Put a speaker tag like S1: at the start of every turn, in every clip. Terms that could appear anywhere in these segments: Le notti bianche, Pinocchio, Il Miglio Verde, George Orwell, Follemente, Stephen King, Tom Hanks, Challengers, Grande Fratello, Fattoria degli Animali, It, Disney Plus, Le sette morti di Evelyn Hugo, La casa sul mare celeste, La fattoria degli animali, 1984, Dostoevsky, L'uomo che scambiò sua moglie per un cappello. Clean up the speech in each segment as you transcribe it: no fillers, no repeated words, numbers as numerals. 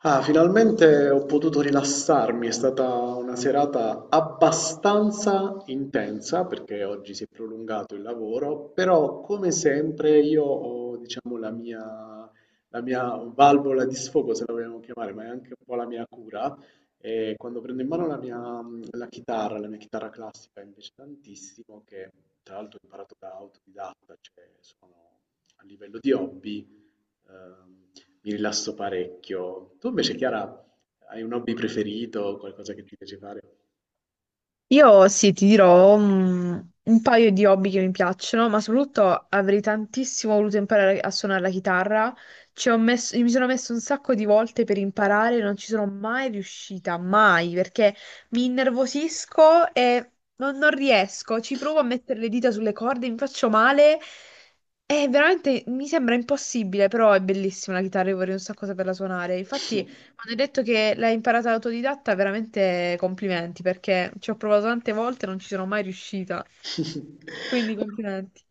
S1: Ah, finalmente ho potuto rilassarmi, è stata una serata abbastanza intensa perché oggi si è prolungato il lavoro, però come sempre io ho, diciamo, la mia valvola di sfogo, se la vogliamo chiamare, ma è anche un po' la mia cura. E quando prendo in mano la chitarra, la mia chitarra classica invece tantissimo, che tra l'altro ho imparato da autodidatta, cioè sono a livello di hobby. Ehm, mi rilasso parecchio. Tu invece, Chiara, hai un hobby preferito, qualcosa che ti piace fare?
S2: Io sì, ti dirò un paio di hobby che mi piacciono, ma soprattutto avrei tantissimo voluto imparare a suonare la chitarra. Ci ho messo, mi sono messo un sacco di volte per imparare, non ci sono mai riuscita, mai, perché mi innervosisco e non riesco. Ci provo a mettere le dita sulle corde, mi faccio male. È veramente, mi sembra impossibile, però è bellissima la chitarra, io vorrei un sacco saperla suonare. Infatti. Quando hai detto che l'hai imparata autodidatta, veramente complimenti, perché ci ho provato tante volte e non ci sono mai riuscita. Quindi complimenti.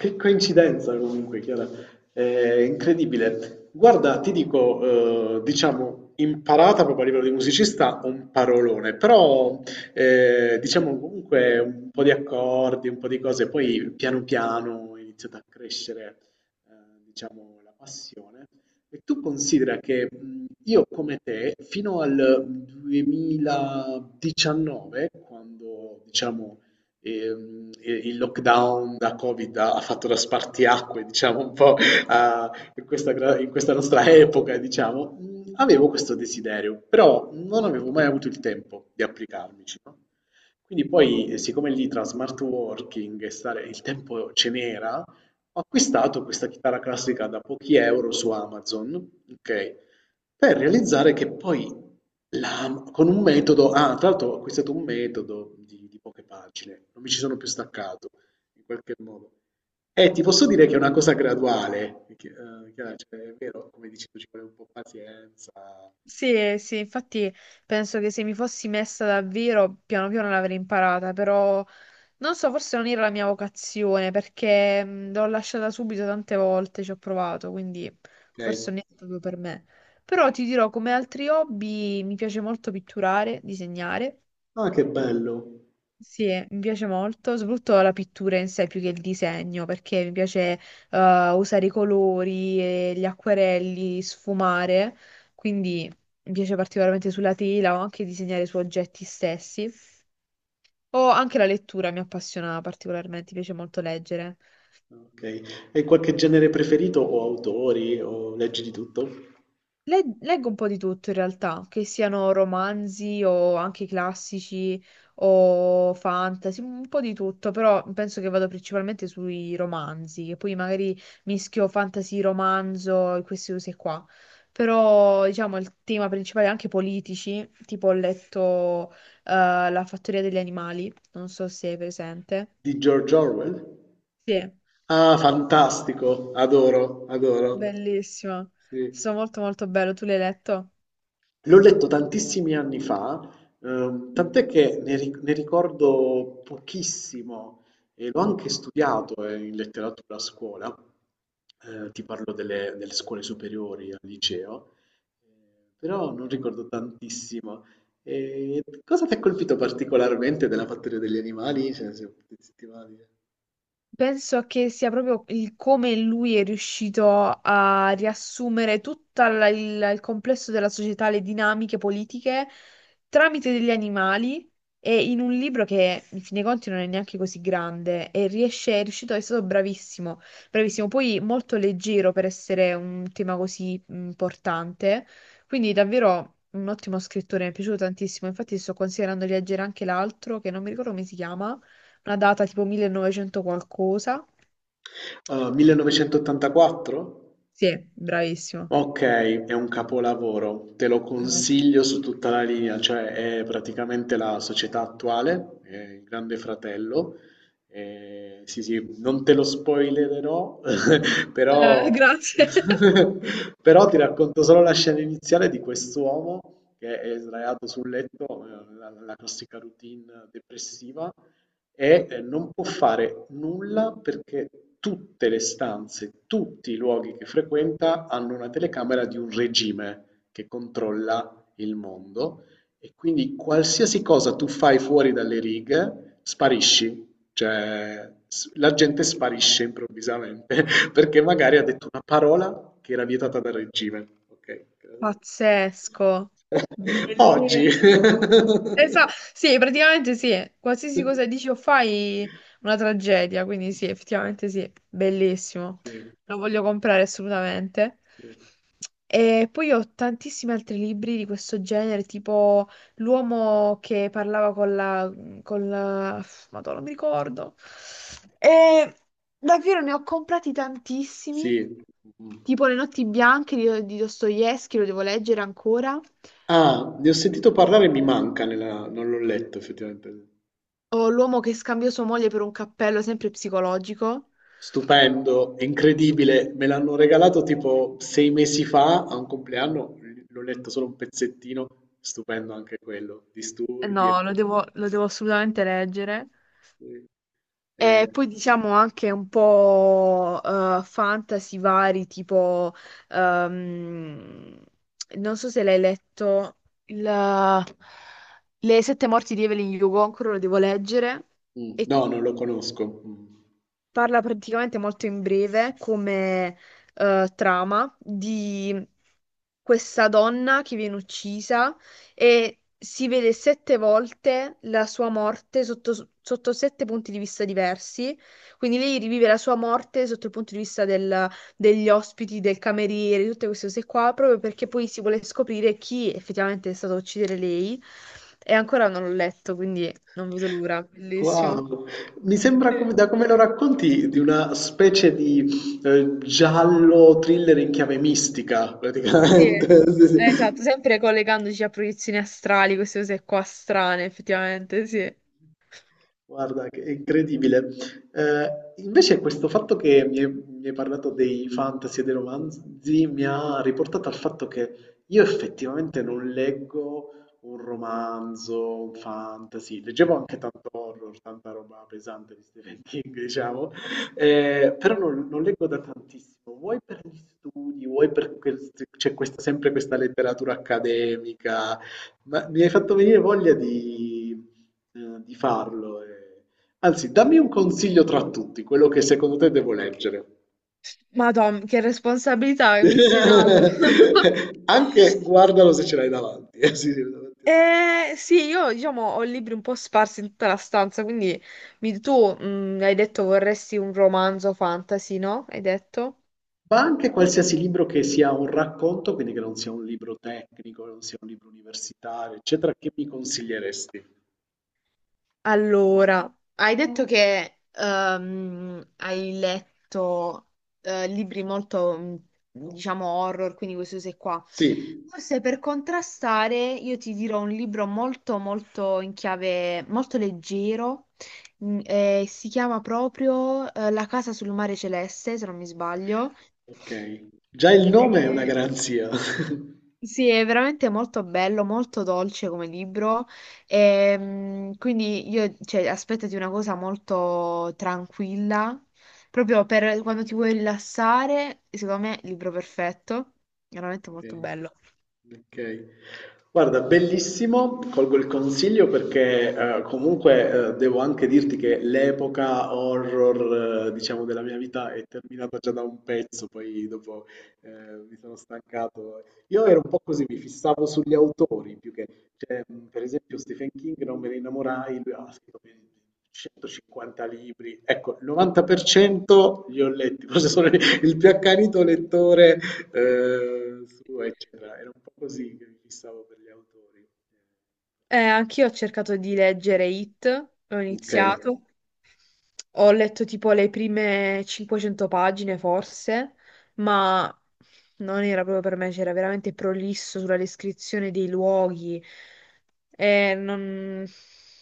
S1: Che coincidenza comunque, Chiara, è incredibile. Guarda, ti dico, diciamo, imparata proprio a livello di musicista, un parolone, però diciamo comunque un po' di accordi, un po' di cose, poi piano piano è iniziata a crescere, eh, diciamo, la passione. E tu considera che io come te, fino al 2019, quando, diciamo, il lockdown da Covid ha fatto da spartiacque, diciamo, un po' in questa nostra epoca, diciamo, avevo questo desiderio, però non avevo mai avuto il tempo di applicarmici, no? Quindi poi, siccome lì tra smart working e stare, il tempo ce n'era, ho acquistato questa chitarra classica da pochi euro su Amazon, ok? Per realizzare che poi la con un metodo, tra l'altro ho acquistato un metodo di poche pagine, non mi ci sono più staccato, in qualche modo. Ti posso dire che è una cosa graduale, che chiaro, cioè, è vero, come dici tu, ci vuole un po' pazienza,
S2: Sì, sì, infatti penso che se mi fossi messa davvero, piano piano l'avrei imparata, però non so, forse non era la mia vocazione, perché l'ho lasciata subito tante volte, ci ho provato, quindi
S1: okay.
S2: forse non è proprio per me. Però ti dirò, come altri hobby, mi piace molto pitturare, disegnare.
S1: Ah, che bello,
S2: Sì, mi piace molto, soprattutto la pittura in sé più che il disegno, perché mi piace usare i colori, e gli acquerelli, sfumare, quindi mi piace particolarmente sulla tela o anche disegnare su oggetti stessi. O anche la lettura mi appassiona particolarmente, mi piace molto leggere.
S1: okay. Hai qualche genere preferito o autori o leggi di tutto?
S2: Leggo un po' di tutto in realtà, che siano romanzi o anche classici o fantasy, un po' di tutto, però penso che vado principalmente sui romanzi, che poi magari mischio fantasy, romanzo e queste cose qua. Però diciamo il tema principale è anche politici, tipo ho letto La fattoria degli animali, non so se è presente.
S1: Di George Orwell?
S2: Sì,
S1: Ah, fantastico, adoro, adoro.
S2: bellissimo,
S1: Sì.
S2: sto molto molto bello, tu l'hai letto?
S1: L'ho letto tantissimi anni fa, tant'è che ne ricordo pochissimo e l'ho anche studiato in letteratura a scuola. Ti parlo delle scuole superiori al liceo, eh, però non ricordo tantissimo. E cosa ti ha colpito particolarmente della Fattoria degli Animali? Cioè, se potessi dire.
S2: Penso che sia proprio il come lui è riuscito a riassumere tutto il complesso della società, le dinamiche politiche tramite degli animali e in un libro che, in fin dei conti, non è neanche così grande e riesce, è riuscito, è stato bravissimo, bravissimo. Poi molto leggero per essere un tema così importante, quindi davvero un ottimo scrittore, mi è piaciuto tantissimo. Infatti sto considerando di leggere anche l'altro, che non mi ricordo come si chiama, una data tipo 1900 qualcosa.
S1: 1984?
S2: Sì, bravissimo.
S1: Ok, è un capolavoro, te lo
S2: Ah, ecco.
S1: consiglio su tutta la linea, cioè è praticamente la società attuale, è il Grande Fratello. Sì, sì, non te lo spoilererò, però,
S2: Grazie.
S1: però ti racconto solo la scena iniziale di quest'uomo che è sdraiato sul letto, la classica routine depressiva, e non può fare nulla perché tutte le stanze, tutti i luoghi che frequenta hanno una telecamera di un regime che controlla il mondo e quindi qualsiasi cosa tu fai fuori dalle righe sparisci, cioè la gente sparisce improvvisamente perché magari ha detto una parola che era vietata dal regime. Ok.
S2: Pazzesco.
S1: Oggi.
S2: Bellissimo. Esatto, sì, praticamente sì.
S1: Sì,
S2: Qualsiasi cosa dici o fai, una tragedia. Quindi sì, effettivamente sì, bellissimo. Lo voglio comprare assolutamente.
S1: sì,
S2: E poi ho tantissimi altri libri di questo genere, tipo L'uomo che parlava con la... Madonna, non mi ricordo. E davvero ne ho comprati tantissimi,
S1: sì. Mhm.
S2: tipo Le notti bianche di Dostoevsky, lo devo leggere ancora.
S1: Ah, ne ho sentito parlare, e mi manca, non l'ho letto effettivamente.
S2: O l'uomo che scambiò sua moglie per un cappello, sempre psicologico.
S1: Stupendo, è incredibile, me l'hanno regalato tipo 6 mesi fa a un compleanno, l'ho letto solo un pezzettino, stupendo anche quello,
S2: Eh
S1: disturbi e
S2: no,
S1: quant'altro.
S2: lo devo assolutamente leggere.
S1: Eh,
S2: E poi diciamo anche un po' fantasy vari, tipo, ehm, non so se l'hai letto, il- Le sette morti di Evelyn Hugo, ancora lo devo leggere. E
S1: no, non lo conosco. Mm.
S2: parla praticamente molto in breve come trama di questa donna che viene uccisa e si vede sette volte la sua morte sotto, sotto sette punti di vista diversi. Quindi lei rivive la sua morte sotto il punto di vista degli ospiti, del cameriere, tutte queste cose qua, proprio perché poi si vuole scoprire chi effettivamente è stato a uccidere lei. E ancora non l'ho letto, quindi non vedo l'ora. Bellissimo.
S1: Wow, mi sembra
S2: Sì.
S1: da come lo racconti di una specie di giallo thriller in chiave mistica,
S2: Sì,
S1: praticamente. Sì, sì.
S2: esatto, sempre collegandoci a proiezioni astrali, queste cose qua strane, effettivamente, sì.
S1: Guarda, che è incredibile. Eh, invece questo fatto che mi hai parlato dei fantasy e dei romanzi mi ha riportato al fatto che io effettivamente non leggo un romanzo, un fantasy, leggevo anche tanto horror, tanta roba pesante di Stephen King, diciamo, però non leggo da tantissimo, vuoi per gli studi, vuoi perché c'è sempre questa letteratura accademica, ma mi hai fatto venire voglia di farlo. Anzi, dammi un consiglio tra tutti, quello che secondo te devo leggere.
S2: Ma Tom, che responsabilità che mi stai dando.
S1: Anche guardalo se ce l'hai davanti, sì, sì, davanti a te.
S2: Sì, io diciamo ho libri un po' sparsi in tutta la stanza, quindi tu hai detto vorresti un romanzo fantasy, no? Hai detto?
S1: Ma anche qualsiasi libro che sia un racconto, quindi che non sia un libro tecnico, non sia un libro universitario, eccetera, che mi consiglieresti?
S2: Allora, hai detto che hai letto libri molto, diciamo, horror, quindi questo sei qua.
S1: Sì,
S2: Forse per contrastare io ti dirò un libro molto, molto in chiave, molto leggero, si chiama proprio La casa sul mare celeste, se non mi sbaglio.
S1: ok. Già il nome è una
S2: Eh,
S1: garanzia.
S2: sì, è veramente molto bello, molto dolce come libro. Quindi io, cioè, aspettati una cosa molto tranquilla, proprio per quando ti vuoi rilassare, secondo me, libro perfetto, veramente molto
S1: Okay.
S2: bello.
S1: Okay. Guarda, bellissimo, colgo il consiglio perché comunque devo anche dirti che l'epoca horror, diciamo, della mia vita è terminata già da un pezzo, poi dopo eh, mi sono stancato. Io ero un po' così, mi fissavo sugli autori più che, cioè, per esempio, Stephen King non me ne innamorai, lui ha scritto più di 150 libri, ecco, il 90% li ho letti, forse sono il più accanito lettore. Su eccetera. Era un po' così che mi fissavo per gli autori.
S2: Anch'io ho cercato di leggere It, ho
S1: Ok,
S2: iniziato. Ho letto tipo le prime 500 pagine forse, ma non era proprio per me, c'era veramente prolisso sulla descrizione dei luoghi e non,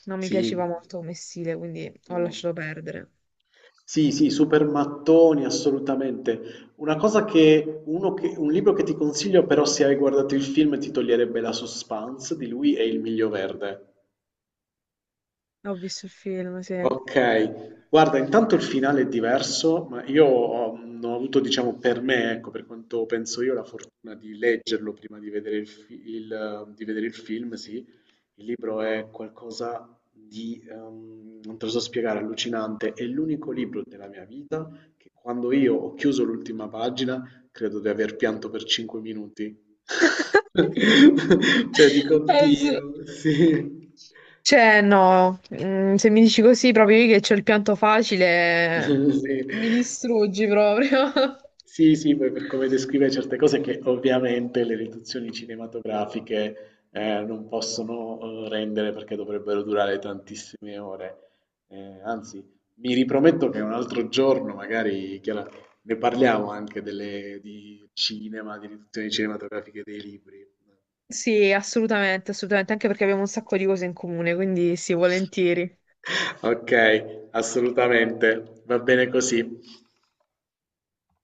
S2: non mi piaceva
S1: sì.
S2: molto come stile, quindi ho
S1: Mm.
S2: lasciato perdere.
S1: Sì, sì, super mattoni, assolutamente. Una cosa che, uno che- un libro che ti consiglio però se hai guardato il film ti toglierebbe la suspense di lui è Il Miglio Verde.
S2: Ho visto il film, sì.
S1: Okay, guarda intanto il finale è diverso, ma io ho avuto diciamo per me, ecco, per quanto penso io, la fortuna di leggerlo prima di vedere il film, sì. Il libro è qualcosa di, non te lo so spiegare, allucinante. È l'unico libro della mia vita che quando io ho chiuso l'ultima pagina, credo di aver pianto per 5 minuti. Cioè dico:
S2: Sì.
S1: "Oddio", sì.
S2: Cioè, no, se mi dici così proprio io che c'ho il pianto facile,
S1: Sì.
S2: mi distruggi proprio.
S1: Sì, sì, poi per come descrive certe cose che ovviamente le riduzioni cinematografiche non possono rendere perché dovrebbero durare tantissime ore. Anzi, mi riprometto che un altro giorno, magari, Chiara, ne parliamo anche di cinema, di riduzioni cinematografiche dei libri.
S2: Sì, assolutamente, assolutamente, anche perché abbiamo un sacco di cose in comune, quindi sì, volentieri.
S1: Ok, assolutamente, va bene così.